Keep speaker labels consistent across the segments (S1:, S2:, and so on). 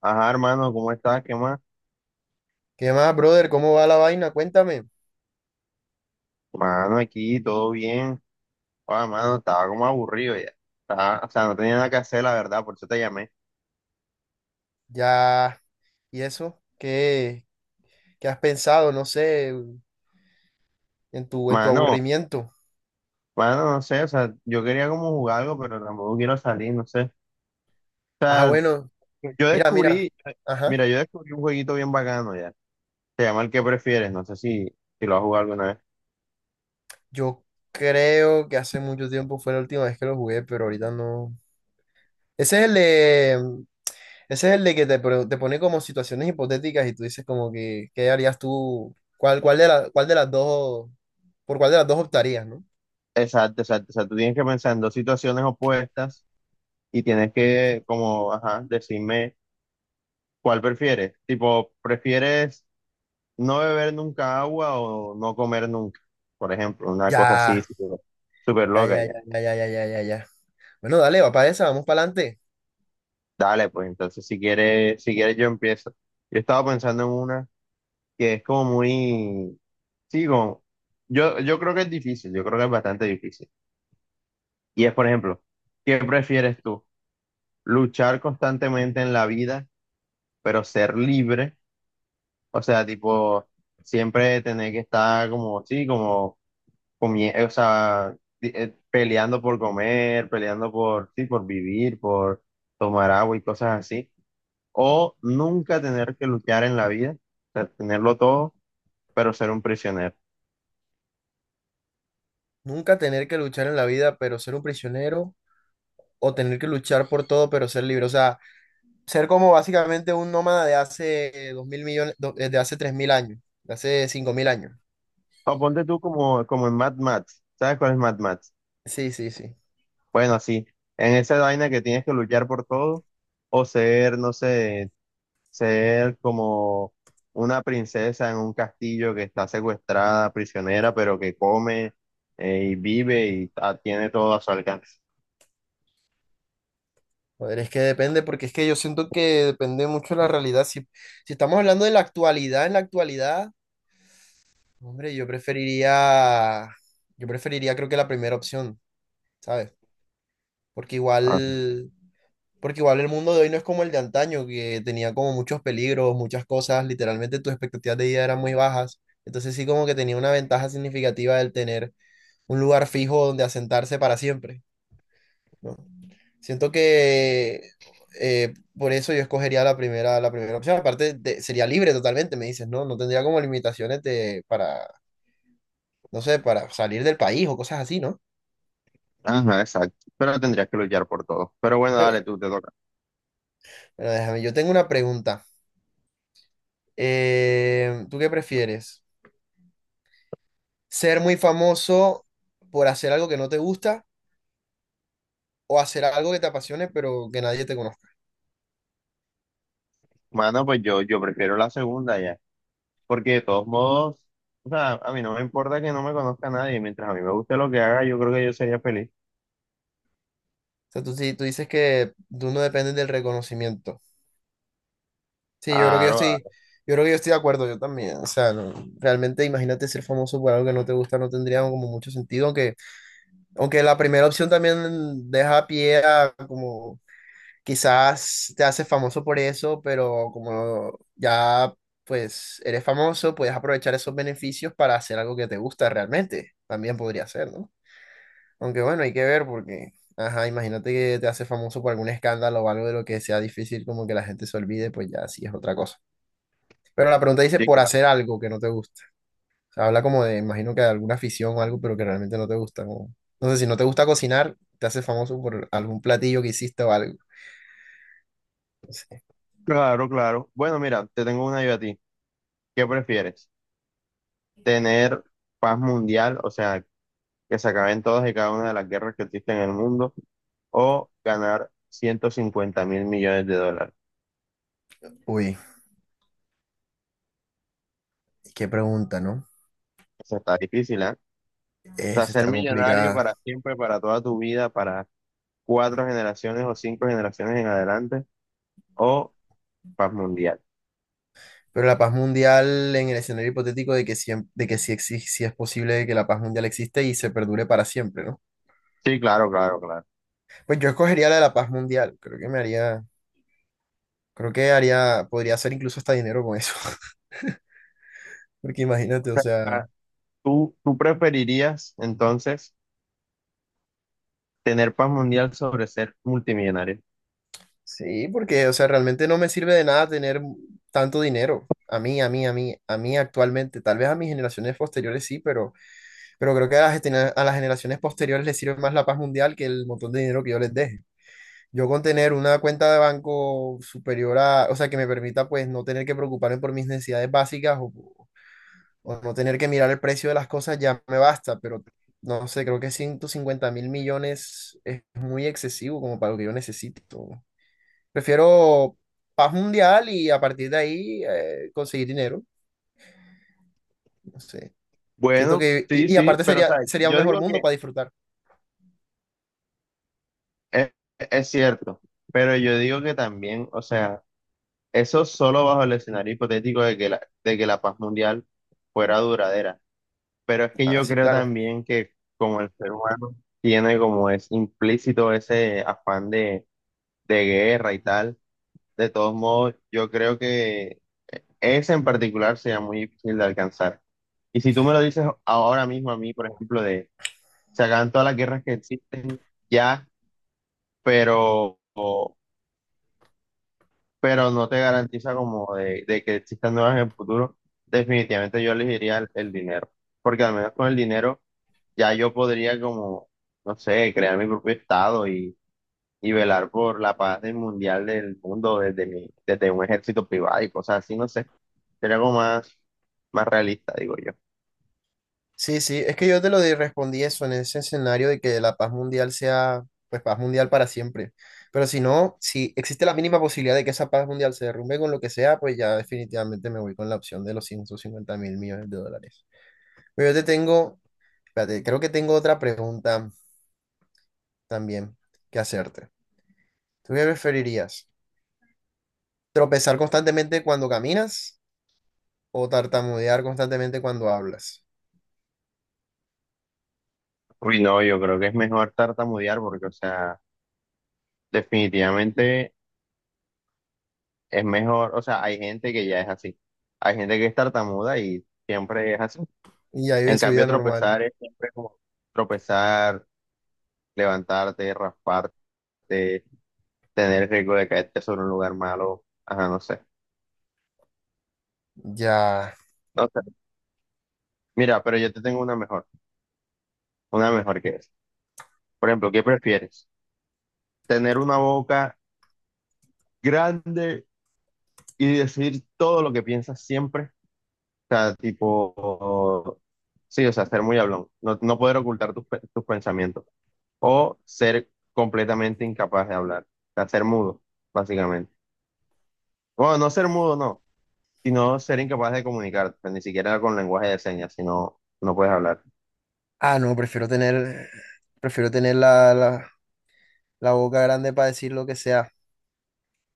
S1: Ajá, hermano, ¿cómo estás? ¿Qué más?
S2: ¿Qué más, brother? ¿Cómo va la vaina? Cuéntame.
S1: Mano, aquí todo bien. Ah, mano, estaba como aburrido ya. O sea, no tenía nada que hacer, la verdad, por eso te llamé.
S2: Ya, ¿y eso? ¿Qué has pensado? No sé, en tu
S1: Mano,
S2: aburrimiento.
S1: mano, no sé, o sea, yo quería como jugar algo, pero tampoco quiero salir, no sé. O
S2: Ah,
S1: sea,
S2: bueno,
S1: yo
S2: mira, mira.
S1: descubrí,
S2: Ajá.
S1: mira, yo descubrí un jueguito bien bacano ya. Se llama el que prefieres, no sé si lo has jugado alguna vez.
S2: Yo creo que hace mucho tiempo fue la última vez que lo jugué, pero ahorita no. Ese es el de, mm, ese es el de que te pone como situaciones hipotéticas y tú dices como que, ¿qué harías tú? ¿Cuál cuál por cuál de las dos optarías, no?
S1: Exacto, exacto. O sea, tú tienes que pensar en dos situaciones opuestas y tienes que, como, ajá, decirme cuál prefieres. Tipo, ¿prefieres no beber nunca agua o no comer nunca, por ejemplo, una cosa así
S2: Ya,
S1: súper súper
S2: ya, ya,
S1: loca ya?
S2: ya, ya, ya, ya, ya, ya, ya. Bueno, dale, va para esa, vamos para adelante.
S1: Dale, pues entonces si quieres yo empiezo. Yo estaba pensando en una que es como muy, sí, como, yo creo que es difícil, yo creo que es bastante difícil. Y es, por ejemplo, ¿qué prefieres tú? ¿Luchar constantemente en la vida, pero ser libre? O sea, tipo, siempre tener que estar como, sí, como o sea, peleando por comer, peleando por, sí, por vivir, por tomar agua y cosas así. O nunca tener que luchar en la vida, o sea, tenerlo todo, pero ser un prisionero.
S2: Nunca tener que luchar en la vida, pero ser un prisionero, o tener que luchar por todo, pero ser libre. O sea, ser como básicamente un nómada de hace dos mil millones, do- de hace 3000 años, de hace 5000 años.
S1: O ponte tú como, como en Mad Max. ¿Sabes cuál es Mad Max?
S2: Sí, sí, sí.
S1: Bueno, sí, en esa vaina que tienes que luchar por todo, o ser, no sé, ser como una princesa en un castillo que está secuestrada, prisionera, pero que come y vive y tiene todo a su alcance.
S2: Joder, es que depende, porque es que yo siento que depende mucho de la realidad. Si, si estamos hablando de la actualidad, en la actualidad, hombre, yo preferiría creo que la primera opción, ¿sabes? Porque
S1: Ah,
S2: igual. Porque igual el mundo de hoy no es como el de antaño, que tenía como muchos peligros, muchas cosas, literalmente tus expectativas de vida eran muy bajas. Entonces sí como que tenía una ventaja significativa el tener un lugar fijo donde asentarse para siempre, ¿no? Siento que por eso yo escogería la primera opción. Sería libre totalmente, me dices, ¿no? No tendría como limitaciones para, no sé, para salir del país o cosas así, ¿no?
S1: ajá, exacto. Pero tendrías que luchar por todo. Pero bueno,
S2: Pero,
S1: dale, tú te toca.
S2: pero déjame, yo tengo una pregunta. ¿Tú qué prefieres? Ser muy famoso por hacer algo que no te gusta o hacer algo que te apasione pero que nadie te conozca.
S1: Mano, pues yo prefiero la segunda ya. Porque de todos modos, o sea, a mí no me importa que no me conozca nadie. Mientras a mí me guste lo que haga, yo creo que yo sería feliz.
S2: O sea, tú dices que tú no dependes del reconocimiento. Sí,
S1: Claro, claro.
S2: yo creo que yo estoy de acuerdo, yo también. O sea, realmente imagínate ser famoso por algo que no te gusta, no tendría como mucho sentido, aunque, aunque la primera opción también deja pie a como quizás te haces famoso por eso, pero como ya pues eres famoso, puedes aprovechar esos beneficios para hacer algo que te gusta realmente. También podría ser, ¿no? Aunque bueno, hay que ver porque, ajá, imagínate que te haces famoso por algún escándalo o algo de lo que sea difícil como que la gente se olvide, pues ya sí es otra cosa. Pero la pregunta dice
S1: Sí,
S2: por
S1: claro.
S2: hacer algo que no te gusta. O sea, habla como de, imagino que de alguna afición o algo, pero que realmente no te gusta, no sé, si no te gusta cocinar, te haces famoso por algún platillo que hiciste o algo. No sé.
S1: Claro, claro. Bueno, mira, te tengo una yo a ti. ¿Qué prefieres? ¿Tener paz mundial? O sea, que se acaben todas y cada una de las guerras que existen en el mundo, o ganar 150.000 millones de dólares.
S2: Uy, qué pregunta, ¿no?
S1: Eso está difícil, ¿eh? O sea,
S2: Esa está
S1: ser millonario
S2: complicada.
S1: para siempre, para toda tu vida, para cuatro generaciones o cinco generaciones en adelante, o paz mundial.
S2: Pero la paz mundial en el escenario hipotético de que, de que sí, sí es posible que la paz mundial existe y se perdure para siempre, ¿no?
S1: Sí, claro, claro, claro.
S2: Pues yo escogería la de la paz mundial. Creo que haría, podría hacer incluso hasta dinero con eso. Porque
S1: O
S2: imagínate, o
S1: sea, ah,
S2: sea,
S1: ¿tú preferirías entonces tener paz mundial sobre ser multimillonario?
S2: sí, porque, o sea, realmente no me sirve de nada tener tanto dinero. A mí actualmente, tal vez a mis generaciones posteriores sí, pero creo que a a las generaciones posteriores les sirve más la paz mundial que el montón de dinero que yo les deje. Yo con tener una cuenta de banco superior a, o sea, que me permita pues no tener que preocuparme por mis necesidades básicas o no tener que mirar el precio de las cosas ya me basta, pero no sé, creo que 150.000 millones es muy excesivo como para lo que yo necesito. Prefiero paz mundial y a partir de ahí conseguir dinero, no sé. Siento
S1: Bueno,
S2: que,
S1: sí,
S2: y
S1: sí,
S2: aparte
S1: pero o
S2: sería,
S1: sea,
S2: sería un
S1: yo
S2: mejor
S1: digo que
S2: mundo para disfrutar.
S1: es, es cierto, pero yo digo que también, o sea, eso solo bajo el escenario hipotético de que la paz mundial fuera duradera. Pero es que yo
S2: Así,
S1: creo
S2: claro.
S1: también que como el ser humano tiene como es implícito ese afán de guerra y tal, de todos modos, yo creo que ese en particular sería muy difícil de alcanzar. Y si tú me lo dices ahora mismo a mí, por ejemplo, de se acaban todas las guerras que existen ya, pero pero no te garantiza como de que existan nuevas en el futuro, definitivamente yo elegiría el dinero, porque al menos con el dinero ya yo podría como, no sé, crear mi propio estado y velar por la paz del mundial del mundo desde desde un ejército privado y cosas así, no sé, sería algo más, más realista, digo yo.
S2: Sí, sí, es que yo te lo respondí eso en ese escenario de que la paz mundial sea, pues, paz mundial para siempre. Pero si no, si existe la mínima posibilidad de que esa paz mundial se derrumbe con lo que sea, pues ya definitivamente me voy con la opción de los 150.000 millones de dólares. Pero yo te tengo, espérate, creo que tengo otra pregunta también que hacerte. ¿Tú qué preferirías? ¿Tropezar constantemente cuando caminas o tartamudear constantemente cuando hablas?
S1: Uy, no, yo creo que es mejor tartamudear porque, o sea, definitivamente es mejor, o sea, hay gente que ya es así, hay gente que es tartamuda y siempre es así.
S2: Y ahí
S1: En
S2: vive su
S1: cambio,
S2: vida normal.
S1: tropezar es siempre como tropezar, levantarte, rasparte, tener el riesgo de caerte sobre un lugar malo. Ajá, no sé.
S2: Ya.
S1: No sé. Mira, pero yo te tengo una mejor que es. Por ejemplo, ¿qué prefieres? ¿Tener una boca grande y decir todo lo que piensas siempre? O sea, tipo, sí, o sea, ser muy hablón, no, no poder ocultar tus, tus pensamientos. O ser completamente incapaz de hablar, o sea, ser mudo, básicamente. Bueno, no ser mudo, no. Y no ser incapaz de comunicarte, pues, ni siquiera con lenguaje de señas, si no, no puedes hablar.
S2: Ah, no, prefiero tener la boca grande para decir lo que sea.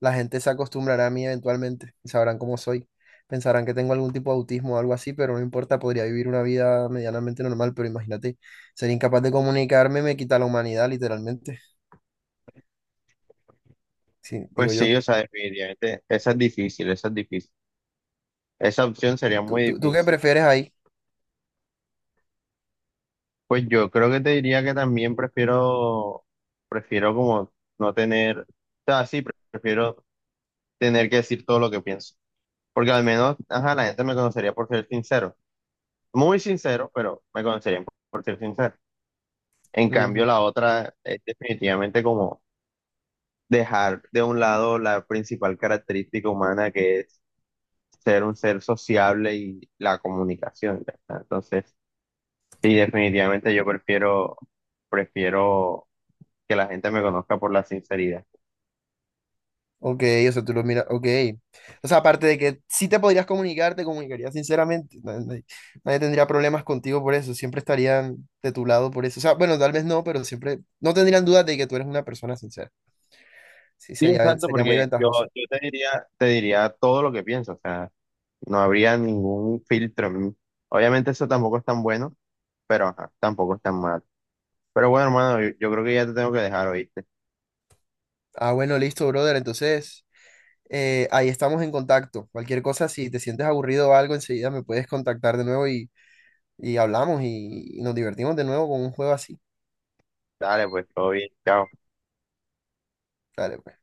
S2: La gente se acostumbrará a mí eventualmente y sabrán cómo soy. Pensarán que tengo algún tipo de autismo o algo así, pero no importa, podría vivir una vida medianamente normal, pero imagínate, ser incapaz de comunicarme me quita la humanidad, literalmente. Sí,
S1: Pues
S2: digo yo.
S1: sí, o sea, definitivamente, esa es difícil, esa es difícil. Esa opción sería
S2: ¿Tú,
S1: muy
S2: tú, tú qué
S1: difícil.
S2: prefieres ahí?
S1: Pues yo creo que te diría que también prefiero, prefiero como no tener, o sea, sí, prefiero tener que decir todo lo que pienso. Porque al menos, ajá, la gente me conocería por ser sincero. Muy sincero, pero me conocerían por ser sincero. En cambio,
S2: Ujú.
S1: la otra es definitivamente como dejar de un lado la principal característica humana que es ser un ser sociable y la comunicación, ya está. Entonces, sí, definitivamente yo prefiero, prefiero que la gente me conozca por la sinceridad.
S2: Ok, o sea, tú lo miras, ok. O sea, aparte de que si te podrías comunicar, te comunicarías sinceramente. Nadie tendría problemas contigo por eso, siempre estarían de tu lado por eso. O sea, bueno, tal vez no, pero siempre, no tendrían dudas de que tú eres una persona sincera. Sí,
S1: Sí,
S2: sería,
S1: exacto,
S2: sería muy
S1: porque yo,
S2: ventajoso.
S1: yo te diría todo lo que pienso, o sea, no habría ningún filtro en mí. Obviamente eso tampoco es tan bueno, pero ajá, tampoco es tan mal. Pero bueno, hermano, yo creo que ya te tengo que dejar, ¿oíste?
S2: Ah, bueno, listo, brother. Entonces, ahí estamos en contacto. Cualquier cosa, si te sientes aburrido o algo, enseguida me puedes contactar de nuevo y hablamos y nos divertimos de nuevo con un juego así.
S1: Dale, pues todo bien, chao.
S2: Dale, pues.